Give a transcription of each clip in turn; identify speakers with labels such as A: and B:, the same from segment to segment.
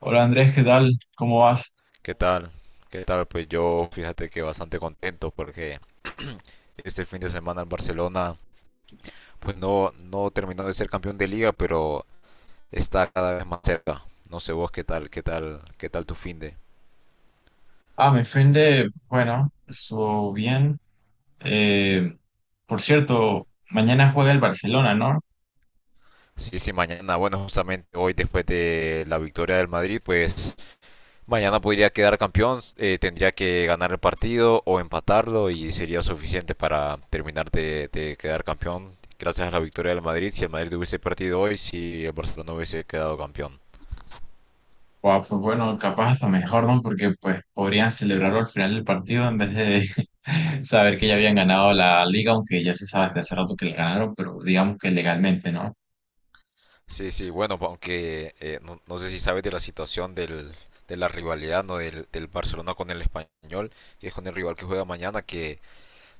A: Hola Andrés, ¿qué tal? ¿Cómo vas?
B: ¿Qué tal? ¿Qué tal? Pues yo fíjate que bastante contento porque este fin de semana el Barcelona pues no, no terminó de ser campeón de liga, pero está cada vez más cerca. No sé vos qué tal, qué tal, qué tal tu fin de.
A: Ah, me ofende, bueno, eso bien. Eh, por cierto, mañana juega el Barcelona, ¿no?
B: Sí, sí, mañana, bueno, justamente hoy después de la victoria del Madrid, pues mañana podría quedar campeón, tendría que ganar el partido o empatarlo y sería suficiente para terminar de quedar campeón gracias a la victoria del Madrid. Si el Madrid hubiese perdido hoy, si el Barcelona hubiese quedado campeón.
A: Guau, pues bueno, capaz hasta mejor, ¿no? Porque pues podrían celebrarlo al final del partido en vez de saber que ya habían ganado la liga, aunque ya se sabe desde hace rato que la ganaron, pero digamos que legalmente, ¿no?
B: Sí, sí, bueno, aunque no, no sé si sabes de la situación de la rivalidad, ¿no? Del Barcelona con el Español, que es con el rival que juega mañana, que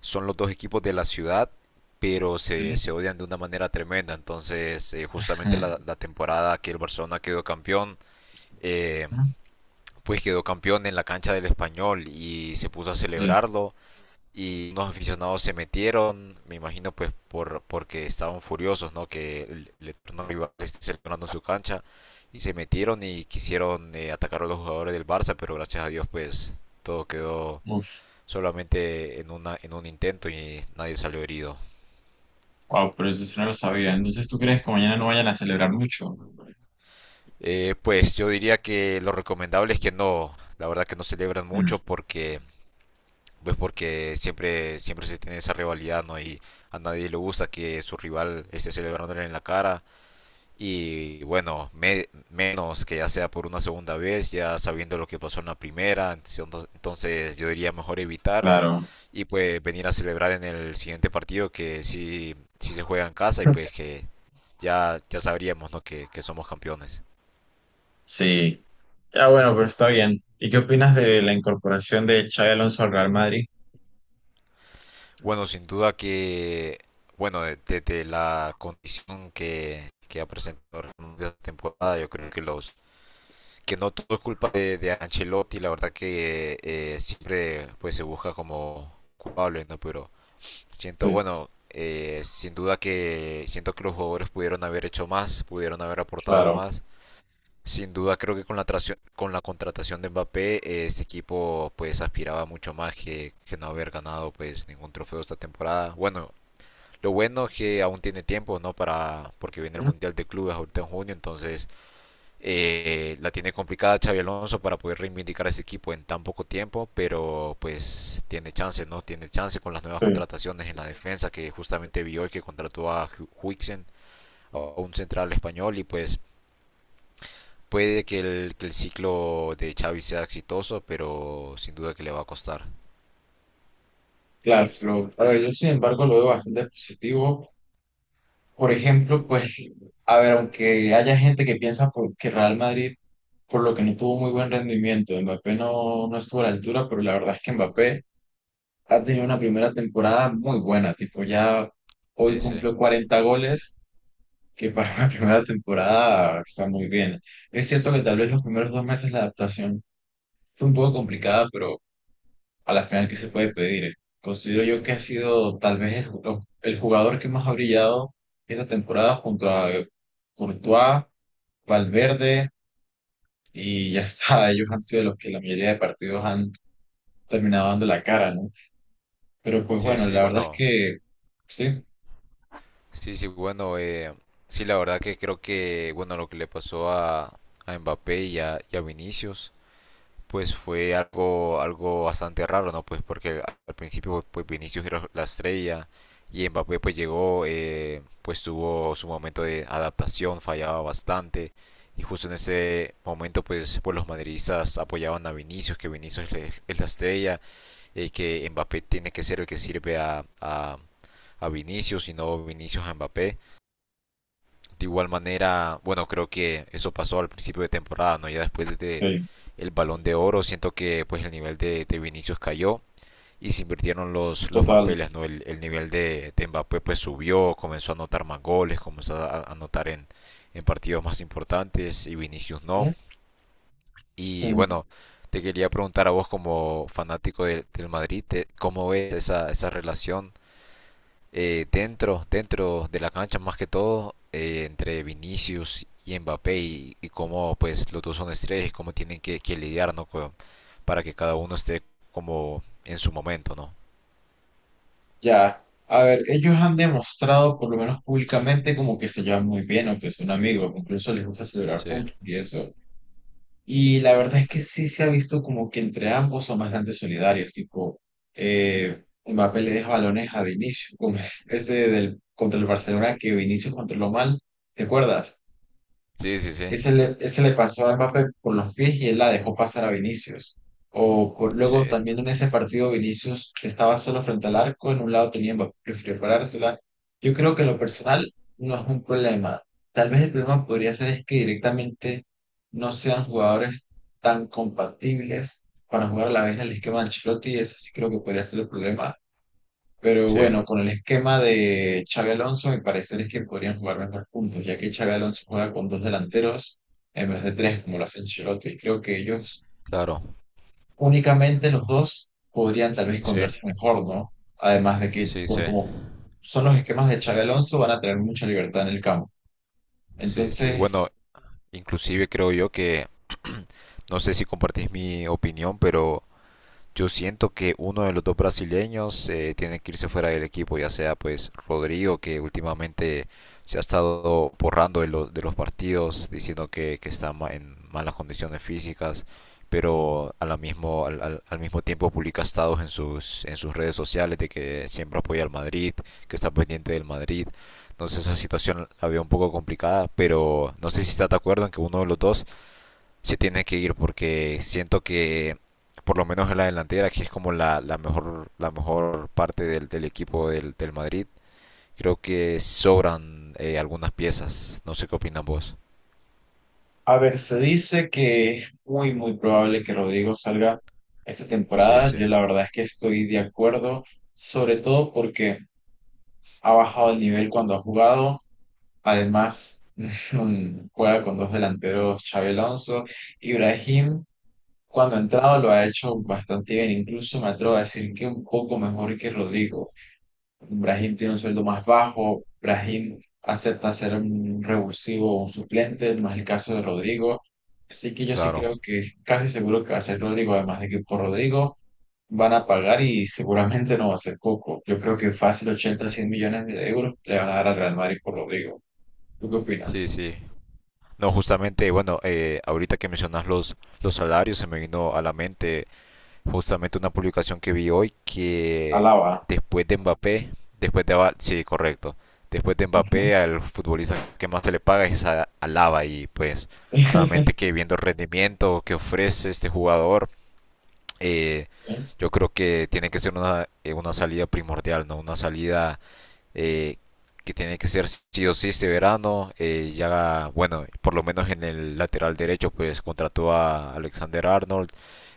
B: son los dos equipos de la ciudad, pero se,
A: Sí.
B: se odian de una manera tremenda. Entonces, justamente la, la temporada que el Barcelona quedó campeón, eh,
A: Ajá.
B: pues quedó campeón en la cancha del Español y se puso a
A: Sí.
B: celebrarlo, y unos aficionados se metieron, me imagino pues porque estaban furiosos, ¿no? Que el eterno rival esté celebrando en su cancha, y se metieron y quisieron atacar a los jugadores del Barça, pero gracias a Dios pues todo quedó
A: Uf,
B: solamente en una en un intento y nadie salió herido.
A: wow, pero eso sí no lo sabía. Entonces, ¿tú crees que mañana no vayan a celebrar mucho?
B: Pues yo diría que lo recomendable es que no, la verdad que no celebran
A: Mm,
B: mucho porque pues porque siempre se tiene esa rivalidad, ¿no? Y a nadie le gusta que su rival esté celebrándole en la cara. Y bueno, menos que ya sea por una segunda vez, ya sabiendo lo que pasó en la primera, entonces yo diría mejor evitar
A: claro.
B: y pues venir a celebrar en el siguiente partido, que sí, sí se juega en casa, y pues que ya, ya sabríamos, ¿no?, que somos campeones.
A: Sí. Ya bueno, pero está bien. ¿Y qué opinas de la incorporación de Xavi Alonso al Real Madrid?
B: Bueno, sin duda que, bueno, desde la condición que ha presentado esta temporada, yo creo que los que no todo es culpa de Ancelotti, la verdad que siempre pues se busca como culpable, ¿no? Pero siento,
A: Sí,
B: bueno, sin duda que siento que los jugadores pudieron haber hecho más, pudieron haber aportado
A: claro.
B: más. Sin duda creo que con la, con la contratación de Mbappé, este equipo pues aspiraba mucho más que no haber ganado pues ningún trofeo esta temporada. Bueno, lo bueno es que aún tiene tiempo, ¿no? Para porque viene el
A: Ujú.
B: Mundial de Clubes ahorita en junio, entonces la tiene complicada Xavi Alonso para poder reivindicar a ese equipo en tan poco tiempo, pero pues tiene chance, ¿no? Tiene chance con las nuevas
A: Sí,
B: contrataciones en la defensa, que justamente vi hoy que contrató a Huixen, a un central español, y pues puede que el ciclo de Xavi sea exitoso, pero sin duda que le va a costar.
A: claro. A ver, yo sin embargo lo veo bastante positivo. Por ejemplo, pues, a ver, aunque haya gente que piensa que Real Madrid, por lo que no tuvo muy buen rendimiento, Mbappé no estuvo a la altura, pero la verdad es que Mbappé ha tenido una primera temporada muy buena, tipo ya hoy
B: Sí, sí,
A: cumplió 40 goles que para una primera temporada está muy bien. Es cierto que tal vez los primeros dos meses la adaptación fue un poco complicada, pero a la final, ¿qué se puede pedir? Considero yo que ha sido tal vez el jugador que más ha brillado esta temporada junto a Courtois, Valverde y ya está. Ellos han sido los que la mayoría de partidos han terminado dando la cara, ¿no? Pero pues
B: sí,
A: bueno,
B: sí,
A: la verdad es
B: bueno,
A: que sí,
B: sí, sí, bueno, sí, la verdad que creo que, bueno, lo que le pasó a Mbappé y a Vinicius pues fue algo, algo bastante raro, ¿no? Pues porque al principio pues, Vinicius era la estrella, y Mbappé pues llegó, pues tuvo su momento de adaptación, fallaba bastante, y justo en ese momento pues los madridistas apoyaban a Vinicius, que Vinicius es la estrella, y que Mbappé tiene que ser el que sirve a Vinicius y no Vinicius a Mbappé. De igual manera, bueno, creo que eso pasó al principio de temporada, ¿no? Ya después de
A: sí,
B: el Balón de Oro, siento que pues el nivel de Vinicius cayó y se invirtieron los
A: total.
B: papeles, ¿no? El nivel de Mbappé pues subió, comenzó a anotar más goles, comenzó a anotar en partidos más importantes y Vinicius no.
A: ¿Eh?
B: Y bueno, te quería preguntar a vos como fanático del del Madrid, ¿cómo ves esa, esa relación dentro, dentro de la cancha más que todo, entre Vinicius y Mbappé, y cómo pues los dos son estrellas y cómo tienen que lidiar, ¿no?, con, para que cada uno esté como en su momento, ¿no?
A: Ya, a ver, ellos han demostrado, por lo menos públicamente, como que se llevan muy bien, aunque son amigos, incluso les gusta celebrar
B: Sí,
A: juntos y eso. Y la verdad es que sí se ha visto como que entre ambos son bastante solidarios, tipo, Mbappé le deja balones a Vinicius, como ese del, contra el Barcelona que Vinicius controló mal, ¿te acuerdas?
B: sí, sí, sí,
A: Ese le pasó a Mbappé con los pies y él la dejó pasar a Vinicius. Luego
B: sí,
A: también en ese partido Vinicius estaba solo frente al arco, en un lado tenía Mbappé que preparársela. Yo creo que en lo personal no es un problema. Tal vez el problema podría ser es que directamente no sean jugadores tan compatibles para jugar a la vez en el esquema de Ancelotti. Ese sí creo que podría ser el problema, pero
B: sí,
A: bueno, con el esquema de Xabi Alonso, mi parecer es que podrían jugar mejor juntos, ya que Xabi Alonso juega con dos delanteros en vez de tres, como lo hace Ancelotti. Y creo que ellos,
B: claro,
A: únicamente los dos, podrían tal vez
B: sí,
A: encontrarse mejor, ¿no? Además de que,
B: sí,
A: por
B: sí,
A: como son los esquemas de Xabi Alonso, van a tener mucha libertad en el campo.
B: sí, sí. Bueno,
A: Entonces,
B: inclusive creo yo que, no sé si compartís mi opinión, pero yo siento que uno de los dos brasileños tiene que irse fuera del equipo, ya sea pues Rodrigo, que últimamente se ha estado borrando de, de los partidos, diciendo que está en malas condiciones físicas, pero a la mismo, al, al mismo tiempo publica estados en sus redes sociales de que siempre apoya al Madrid, que está pendiente del Madrid. Entonces esa situación la veo un poco complicada, pero no sé si estás de acuerdo en que uno de los dos se tiene que ir porque siento que por lo menos en la delantera, que es como la, la mejor parte del, del equipo del, del Madrid, creo que sobran algunas piezas. No sé qué opinan vos.
A: a ver, se dice que es muy, muy probable que Rodrigo salga esta
B: Sí,
A: temporada.
B: sí,
A: Yo la verdad es que estoy de acuerdo, sobre todo porque ha bajado el nivel cuando ha jugado. Además, juega con dos delanteros, Xabi Alonso. Ibrahim, cuando ha entrado, lo ha hecho bastante bien. Incluso me atrevo a decir que un poco mejor que Rodrigo. Ibrahim tiene un sueldo más bajo. Ibrahim acepta ser un revulsivo o un suplente, no es el caso de Rodrigo. Así que yo sí
B: claro.
A: creo que casi seguro que va a ser Rodrigo, además de que por Rodrigo van a pagar y seguramente no va a ser poco. Yo creo que fácil 80, 100 millones de euros le van a dar al Real Madrid por Rodrigo. ¿Tú qué
B: Sí,
A: opinas?
B: sí. No, justamente, bueno, ahorita que mencionas los salarios, se me vino a la mente justamente una publicación que vi hoy que
A: Alaba.
B: después de Mbappé, después de Aval, sí, correcto, después de
A: Ujú.
B: Mbappé al futbolista que más se le paga es a Alaba, y pues realmente que viendo el rendimiento que ofrece este jugador, eh,
A: Sí.
B: yo creo que tiene que ser una salida primordial, ¿no? Una salida eh, que tiene que ser sí o sí este verano. Ya, bueno, por lo menos en el lateral derecho, pues contrató a Alexander Arnold.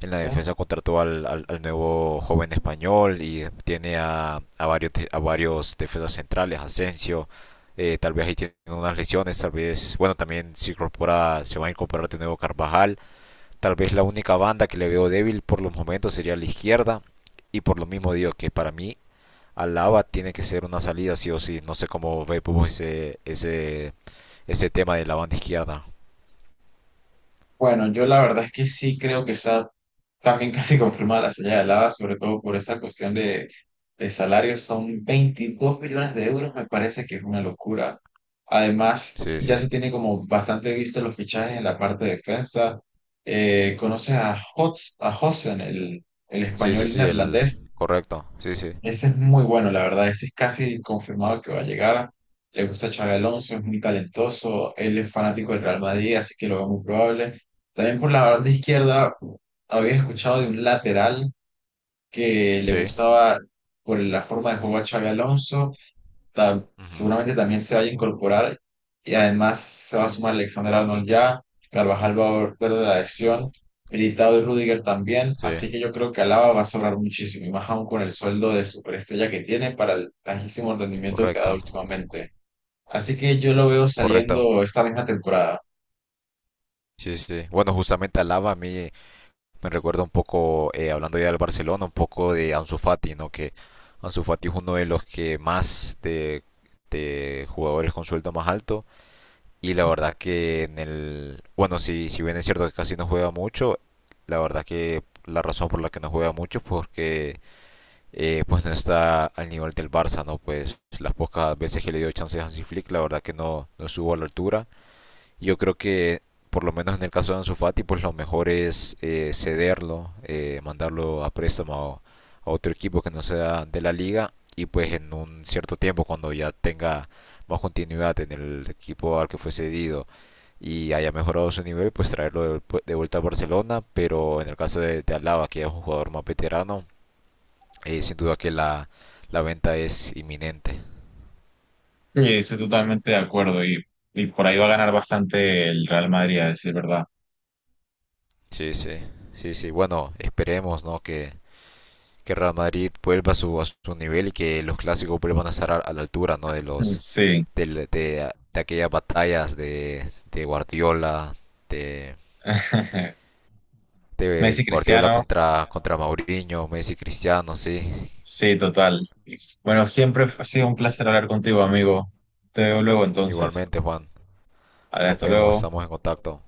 B: En la
A: ¿No?
B: defensa contrató al, al nuevo joven español, y tiene a varios defensas centrales, Asensio. Tal vez ahí tiene unas lesiones, tal vez, bueno, también se incorpora, se va a incorporar de nuevo Carvajal. Tal vez la única banda que le veo débil por los momentos sería la izquierda. Y por lo mismo digo que para mí al lava tiene que ser una salida sí o sí. No sé cómo ve Pupo ese, ese, ese tema de la banda izquierda.
A: Bueno, yo la verdad es que sí creo que está también casi confirmada la salida de Lava, sobre todo por esta cuestión de salarios. Son 22 millones de euros, me parece que es una locura. Además,
B: Sí,
A: ya
B: sí.
A: se tiene como bastante visto los fichajes en la parte de defensa. Conoces a Hots, a Hossen, el
B: Sí, sí,
A: español
B: sí, el
A: neerlandés.
B: correcto. Sí, sí.
A: Ese es muy bueno, la verdad, ese es casi confirmado que va a llegar. Le gusta a Xabi Alonso, es muy talentoso, él es fanático del Real Madrid, así que lo veo muy probable. También por la banda izquierda, había escuchado de un lateral que le
B: Sí.
A: gustaba por la forma de jugar a Xabi Alonso,
B: Ujú.
A: seguramente también se vaya a incorporar y además se va a sumar Alexander Arnold ya, Carvajal va a volver de la lesión, Militao y Rudiger también,
B: Sí,
A: así que yo creo que Alaba va a sobrar muchísimo y más aún con el sueldo de superestrella que tiene para el bajísimo rendimiento que ha dado
B: correcto.
A: últimamente. Así que yo lo veo
B: Correcto.
A: saliendo esta misma temporada.
B: Sí, sí. Bueno, justamente al lava a mí me recuerda un poco, hablando ya del Barcelona, un poco de Ansu Fati, ¿no? Que Ansu Fati es uno de los que más de jugadores con sueldo más alto. Y la verdad que en el... Bueno, si, si bien es cierto que casi no juega mucho, la verdad que la razón por la que no juega mucho es porque pues no está al nivel del Barça, ¿no? Pues las pocas veces que le dio chance a Hansi Flick, la verdad que no, no subo a la altura. Yo creo que, por lo menos en el caso de Ansu Fati, pues lo mejor es cederlo, mandarlo a préstamo a otro equipo que no sea de la liga, y pues en un cierto tiempo, cuando ya tenga más continuidad en el equipo al que fue cedido y haya mejorado su nivel, pues traerlo de, vuelta a Barcelona. Pero en el caso de Alaba, que es un jugador más veterano, sin duda que la venta es inminente.
A: Sí, estoy totalmente de acuerdo y por ahí va a ganar bastante el Real Madrid, a decir verdad.
B: Sí, sí, sí, sí. Bueno, esperemos, ¿no?, que Real Madrid vuelva a su nivel y que los clásicos vuelvan a estar a la altura, ¿no? De los
A: Sí.
B: de aquellas batallas de, de
A: Messi,
B: Guardiola
A: Cristiano.
B: contra contra Mourinho, Messi, Cristiano, sí.
A: Sí, total. Bueno, siempre ha sido un placer hablar contigo, amigo. Te veo luego entonces.
B: Igualmente, Juan. Nos
A: Hasta
B: vemos,
A: luego.
B: estamos en contacto.